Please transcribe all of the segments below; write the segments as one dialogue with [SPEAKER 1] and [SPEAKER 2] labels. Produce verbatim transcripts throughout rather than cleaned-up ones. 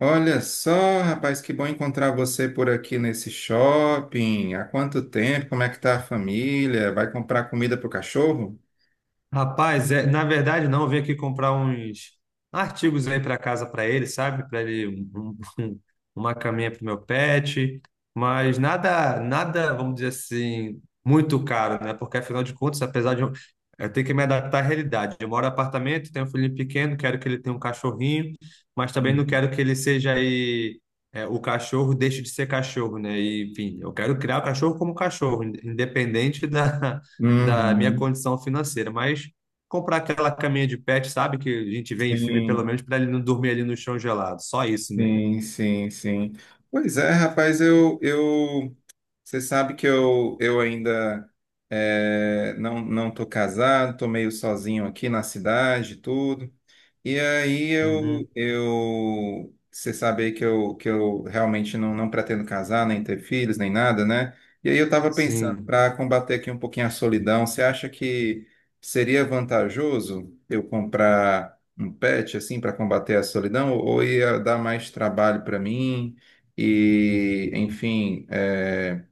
[SPEAKER 1] Olha só, rapaz, que bom encontrar você por aqui nesse shopping. Há quanto tempo? Como é que tá a família? Vai comprar comida pro cachorro?
[SPEAKER 2] Rapaz, é, na verdade não, eu vim aqui comprar uns artigos aí para casa para ele, sabe? Para ele um- um- um, uma caminha para o meu pet, mas nada, nada, vamos dizer assim, muito caro, né? Porque afinal de contas, apesar de eu, eu ter que me adaptar à realidade, eu moro em apartamento, tenho um filhinho pequeno, quero que ele tenha um cachorrinho, mas também não
[SPEAKER 1] Uhum.
[SPEAKER 2] quero que ele seja aí é, o cachorro deixe de ser cachorro, né? E, enfim, eu quero criar o cachorro como cachorro, independente da da minha
[SPEAKER 1] Uhum.
[SPEAKER 2] condição financeira, mas comprar aquela caminha de pet, sabe, que a gente vê em filme pelo
[SPEAKER 1] Sim,
[SPEAKER 2] menos para ele não dormir ali no chão gelado, só isso, né?
[SPEAKER 1] sim, sim, sim. Pois é, rapaz, eu, eu, você sabe que eu, eu ainda eh, não, não tô casado, tô meio sozinho aqui na cidade, e tudo. E aí eu,
[SPEAKER 2] Uhum.
[SPEAKER 1] eu, você sabe aí que eu, que eu realmente não, não pretendo casar, nem ter filhos, nem nada, né? E aí eu estava pensando,
[SPEAKER 2] Sim.
[SPEAKER 1] para combater aqui um pouquinho a solidão, você acha que seria vantajoso eu comprar um pet assim para combater a solidão, ou ou ia dar mais trabalho para mim? E, enfim, é,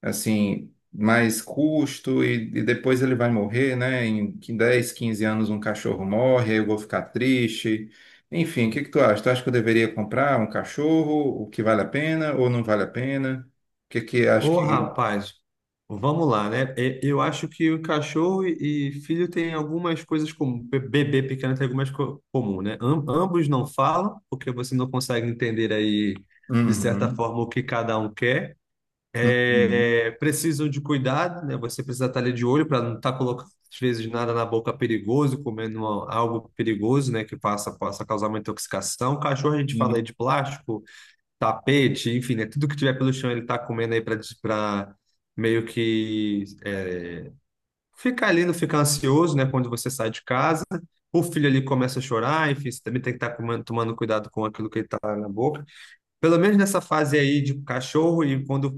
[SPEAKER 1] assim, mais custo e, e depois ele vai morrer, né? Em qui- dez quinze anos um cachorro morre, aí eu vou ficar triste. Enfim, o que que tu acha? Tu acha que eu deveria comprar um cachorro, o que vale a pena ou não vale a pena? O que que acho
[SPEAKER 2] Ô,
[SPEAKER 1] que...
[SPEAKER 2] rapaz, vamos lá, né? E- Eu acho que o cachorro e e filho têm algumas coisas comuns, bebê pequeno tem algumas co comuns, né? Am- ambos não falam, porque você não consegue entender aí, de certa
[SPEAKER 1] Uhum,
[SPEAKER 2] forma, o que cada um quer.
[SPEAKER 1] uhum,
[SPEAKER 2] É, é, precisam de cuidado, né? Você precisa estar ali de olho para não estar colocando, às vezes, nada na boca perigoso, comendo uma- algo perigoso, né? Que possa, possa causar uma intoxicação. Cachorro, a gente
[SPEAKER 1] uhum.
[SPEAKER 2] fala aí de plástico, tapete, enfim, né? Tudo que tiver pelo chão ele está comendo aí para meio que é, ficar ali, não ficar ansioso, né? Quando você sai de casa. O filho ali começa a chorar, enfim, você também tem que estar comendo- tomando cuidado com aquilo que ele está na boca. Pelo menos nessa fase aí de cachorro, e quando,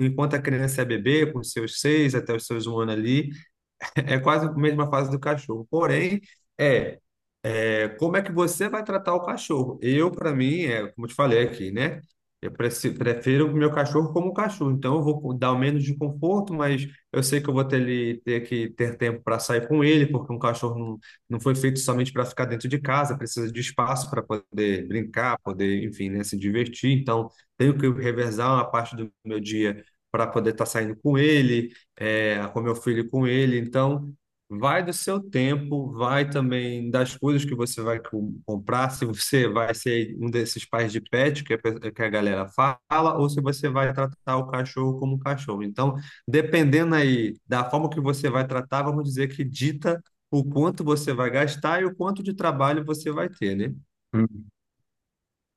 [SPEAKER 2] enquanto a criança é bebê, com seus seis até os seus um ano ali, é quase a mesma fase do cachorro. Porém, é, é, como é que você vai tratar o cachorro? Eu, para mim, é, como eu te falei aqui, né? Eu preci- prefiro o meu cachorro como um cachorro. Então, eu vou dar o menos de conforto, mas eu sei que eu vou ter, ele- ter que ter tempo para sair com ele, porque um cachorro não, não foi feito somente para ficar dentro de casa, precisa de espaço para poder brincar, poder, enfim, né, se divertir. Então, tenho que revezar uma parte do meu dia para poder estar saindo com ele, é, com meu filho e com ele. Então. Vai do seu tempo, vai também das coisas que você vai com- comprar, se você vai ser um desses pais de pet que a, pe- que a galera fala, ou se você vai tratar o cachorro como um cachorro. Então, dependendo aí da forma que você vai tratar, vamos dizer que dita o quanto você vai gastar e o quanto de trabalho você vai ter, né?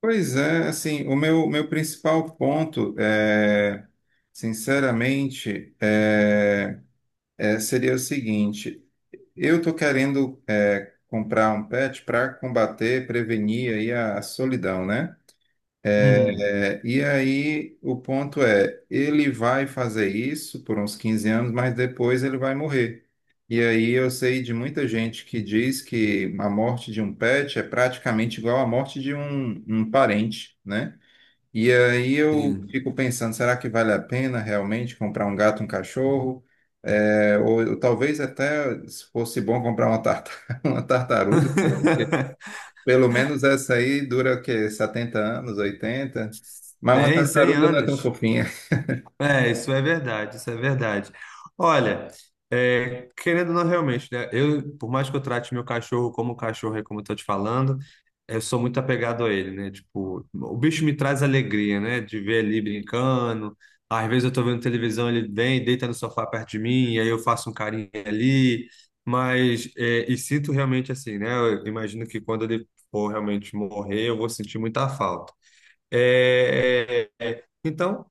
[SPEAKER 1] Pois é, assim, o meu, meu principal ponto é, sinceramente, é, é, seria o seguinte, eu tô querendo é, comprar um pet para combater, prevenir aí a, a solidão, né?
[SPEAKER 2] Uhum,
[SPEAKER 1] É, e aí o ponto é, ele vai fazer isso por uns quinze anos, mas depois ele vai morrer. E aí eu sei de muita gente que diz que a morte de um pet é praticamente igual à morte de um, um parente, né? E aí eu
[SPEAKER 2] sim.
[SPEAKER 1] fico pensando, será que vale a pena realmente comprar um gato, um cachorro? É, ou, ou talvez até se fosse bom comprar uma, tarta- uma tartaruga, né? Porque pelo menos essa aí dura o quê? setenta anos, oitenta. Mas uma
[SPEAKER 2] Tem cem
[SPEAKER 1] tartaruga não é tão
[SPEAKER 2] anos.
[SPEAKER 1] fofinha.
[SPEAKER 2] É, isso é verdade, isso é verdade. Olha, é, querendo ou não realmente, né? Eu, por mais que eu trate meu cachorro como cachorro, é como eu tô te falando, eu sou muito apegado a ele, né? Tipo, o bicho me traz alegria, né? De ver ele brincando. Às vezes eu tô vendo televisão, ele vem, deita no sofá perto de mim, e aí eu faço um carinho ali. Mas, é, e sinto realmente assim, né? Eu imagino que quando ele for realmente morrer, eu vou sentir muita falta. É, é, é. Então.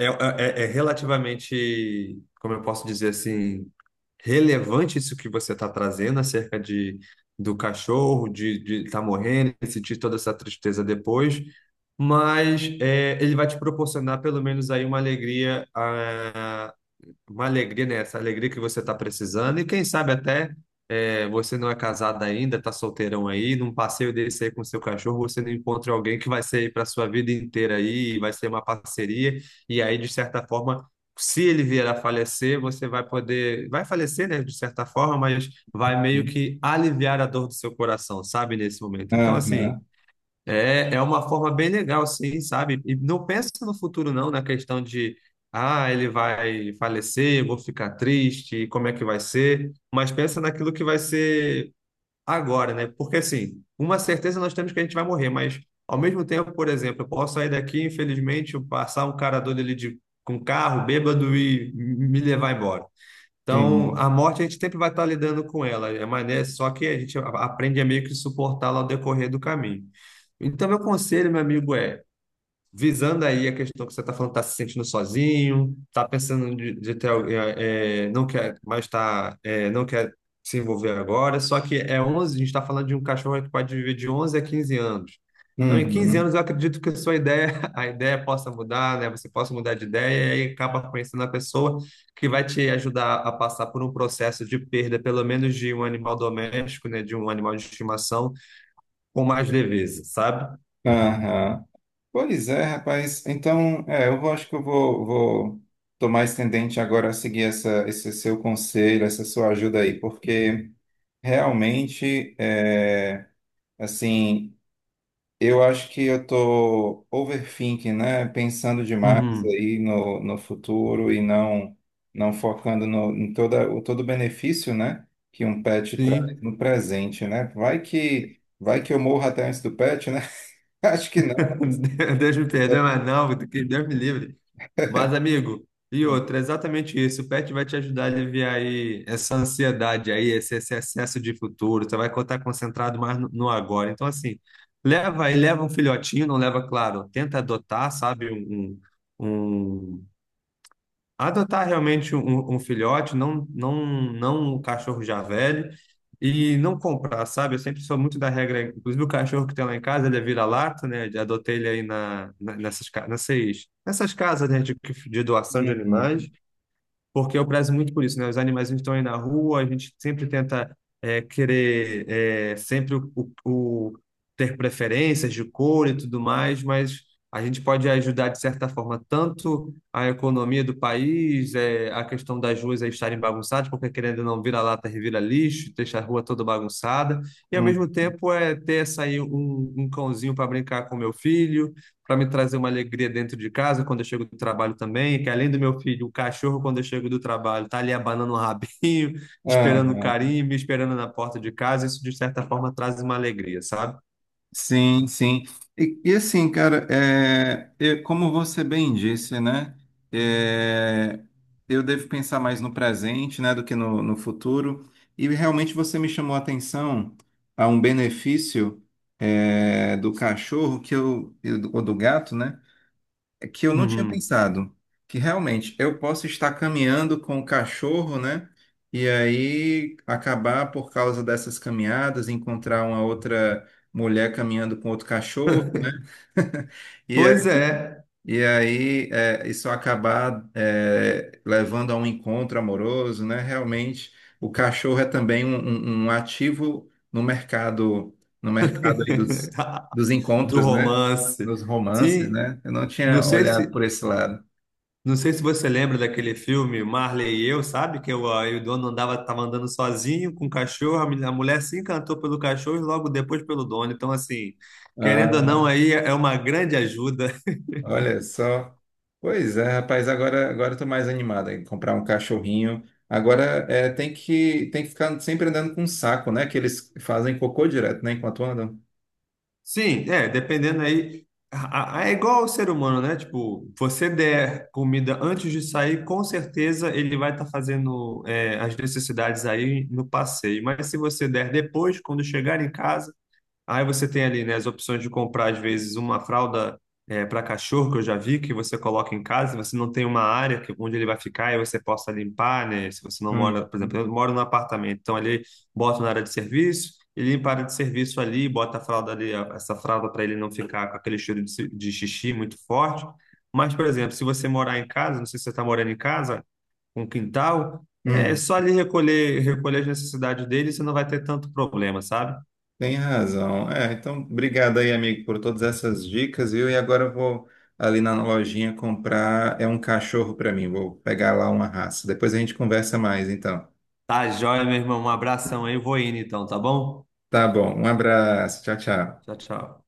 [SPEAKER 2] É, é, é é relativamente, como eu posso dizer assim, relevante isso que você está trazendo acerca de, do cachorro, de estar morrendo, e sentir toda essa tristeza depois, mas é, ele vai te proporcionar pelo menos aí uma alegria ah, uma alegria, né? Essa alegria que você está precisando. E quem sabe até é, você não é casado ainda, está solteirão aí, num passeio desse aí com seu cachorro, você não encontra alguém que vai ser aí para sua vida inteira aí, e vai ser uma parceria. E aí, de certa forma, se ele vier a falecer, você vai poder, vai falecer, né? De certa forma, mas vai meio que aliviar a dor do seu coração, sabe? Nesse momento. Então, assim.
[SPEAKER 1] Aham,
[SPEAKER 2] É, é uma forma bem legal, assim, sabe? E não pensa no futuro, não, na questão de, ah, ele vai falecer, eu vou ficar triste, como é que vai ser? Mas pensa naquilo que vai ser agora, né? Porque, assim, uma certeza nós temos que a gente vai morrer, mas, ao mesmo tempo, por exemplo, eu posso sair daqui, infelizmente, eu passar um cara doido ali de, com carro, bêbado e me levar embora. Então, a
[SPEAKER 1] sim.
[SPEAKER 2] morte a gente sempre vai estar lidando com ela, é mais, né? Só que a gente a- aprende a meio que suportá-la ao decorrer do caminho. Então, meu conselho, meu amigo, é visando aí a questão que você está falando, está se sentindo sozinho, está pensando de, de ter alguém, é, é, não quer mais tá, é, não quer se envolver agora, só que é onze, a gente está falando de um cachorro que pode viver de onze a quinze anos. Então, em quinze
[SPEAKER 1] Uhum,
[SPEAKER 2] anos, eu acredito que a sua ideia, a ideia possa mudar, né? Você possa mudar de ideia e acaba conhecendo a pessoa que vai te ajudar a passar por um processo de perda, pelo menos de um animal doméstico, né? De um animal de estimação, com mais leveza, sabe?
[SPEAKER 1] aham. Pois é, rapaz. Então, é, eu vou- acho que eu vou, vou tomar esse tendente agora a seguir essa, esse seu conselho, essa sua ajuda aí, porque. Realmente, é, assim, eu acho que eu tô overthinking, né? Pensando demais
[SPEAKER 2] Uhum.
[SPEAKER 1] aí no, no futuro e não não focando no, em toda, o todo o benefício, né? Que um pet traz
[SPEAKER 2] Sim.
[SPEAKER 1] no presente, né? Vai que vai que eu morro até antes do pet, né? Acho que não. Mas,
[SPEAKER 2] Deus me perdoe,
[SPEAKER 1] é,
[SPEAKER 2] mas não, que Deus me livre. Mas, amigo, e
[SPEAKER 1] hum.
[SPEAKER 2] outra, é exatamente isso. O pet vai te ajudar a aliviar aí essa ansiedade aí, esse, esse excesso de futuro. Você vai estar concentrado mais no, no agora. Então, assim, leva aí, leva um filhotinho, não leva, claro, tenta adotar, sabe, um, um, Adotar realmente um, um filhote, não, não, não um cachorro já velho, e não comprar, sabe? Eu sempre sou muito da regra, inclusive o cachorro que tem lá em casa, ele é vira-lata, né? Eu adotei ele aí na, na- nessas, ca- nessas, nessas casas, né, de, que- de doação de animais
[SPEAKER 1] Uhum,
[SPEAKER 2] porque eu prezo muito por isso, né? Os animais estão aí na rua, a gente sempre tenta é, querer é, sempre o, o- o- ter preferências de cor e tudo mais, mas a gente pode ajudar de certa forma tanto a economia do país, é, a questão das ruas aí estarem bagunçadas, porque querendo ou não vira lata, revira lixo, deixa a rua toda bagunçada, e ao
[SPEAKER 1] uhum.
[SPEAKER 2] mesmo tempo é ter essa aí um, um cãozinho para brincar com meu filho para me trazer uma alegria dentro de casa quando eu chego do trabalho também, que além do meu filho, o cachorro, quando eu chego do trabalho, tá ali abanando o rabinho, esperando o
[SPEAKER 1] Aham.
[SPEAKER 2] carinho, me esperando na porta de casa, isso de certa forma traz uma alegria, sabe?
[SPEAKER 1] Sim, sim. E, e assim, cara, é, eu- como você bem disse, né? É, eu devo pensar mais no presente, né, do que no, no futuro. E realmente você me chamou a atenção a um benefício, é, do cachorro que eu, e do- ou do gato, né? É que eu não tinha
[SPEAKER 2] Uhum.
[SPEAKER 1] pensado, que realmente eu posso estar caminhando com o cachorro, né? E aí acabar por causa dessas caminhadas, encontrar uma outra mulher caminhando com outro cachorro, né? E
[SPEAKER 2] Pois é,
[SPEAKER 1] e aí, é, isso acabar, é, levando a um encontro amoroso, né? Realmente, o cachorro é também um, um- um ativo no mercado, no mercado, aí dos, dos
[SPEAKER 2] do
[SPEAKER 1] encontros, né?
[SPEAKER 2] romance.
[SPEAKER 1] Dos romances,
[SPEAKER 2] Sim,
[SPEAKER 1] né? Eu não
[SPEAKER 2] não
[SPEAKER 1] tinha
[SPEAKER 2] sei
[SPEAKER 1] olhado
[SPEAKER 2] se
[SPEAKER 1] por esse lado.
[SPEAKER 2] não sei se você lembra daquele filme Marley e Eu, sabe? Que o, aí o dono andava, tava andando sozinho com o cachorro, a mul- a mulher se encantou pelo cachorro e logo depois pelo dono. Então, assim, querendo ou não,
[SPEAKER 1] Ah,
[SPEAKER 2] aí é é uma grande ajuda.
[SPEAKER 1] olha só. Pois é, rapaz, agora, agora eu tô mais animado em comprar um cachorrinho. Agora é, tem que, tem que ficar sempre andando com um saco, né? Que eles fazem cocô direto, né? Enquanto andam.
[SPEAKER 2] Sim, é, dependendo aí. a- a- É igual ao ser humano, né? Tipo, você der comida antes de sair, com certeza ele vai estar fazendo é, as necessidades aí no passeio. Mas se você der depois, quando chegar em casa, aí você tem ali, né, as opções de comprar, às vezes, uma fralda para cachorro, que eu já vi, que você coloca em casa, você não tem uma área que- onde ele vai ficar e você possa limpar, né? Se você não
[SPEAKER 1] Hum.
[SPEAKER 2] mora, por exemplo, eu moro num apartamento, então ali boto na área de serviço, e limpa a área de serviço ali, bota a fralda ali, a- essa fralda para ele não ficar com aquele cheiro de, ci- de xixi muito forte. Mas, por exemplo, se você morar em casa, não sei se você está morando em casa, com quintal, é
[SPEAKER 1] Hum.
[SPEAKER 2] só ali recolher, recolher as necessidades dele, você não vai ter tanto problema, sabe?
[SPEAKER 1] Tem razão. É, então, obrigado aí, amigo, por todas essas dicas, viu? E agora eu vou ali na lojinha comprar, é um cachorro para mim, vou pegar lá uma raça. Depois a gente conversa mais, então.
[SPEAKER 2] Tá joia, meu irmão. Um abração aí. Vou indo então, tá bom?
[SPEAKER 1] Tá bom, um abraço, tchau, tchau.
[SPEAKER 2] Tchau, tchau.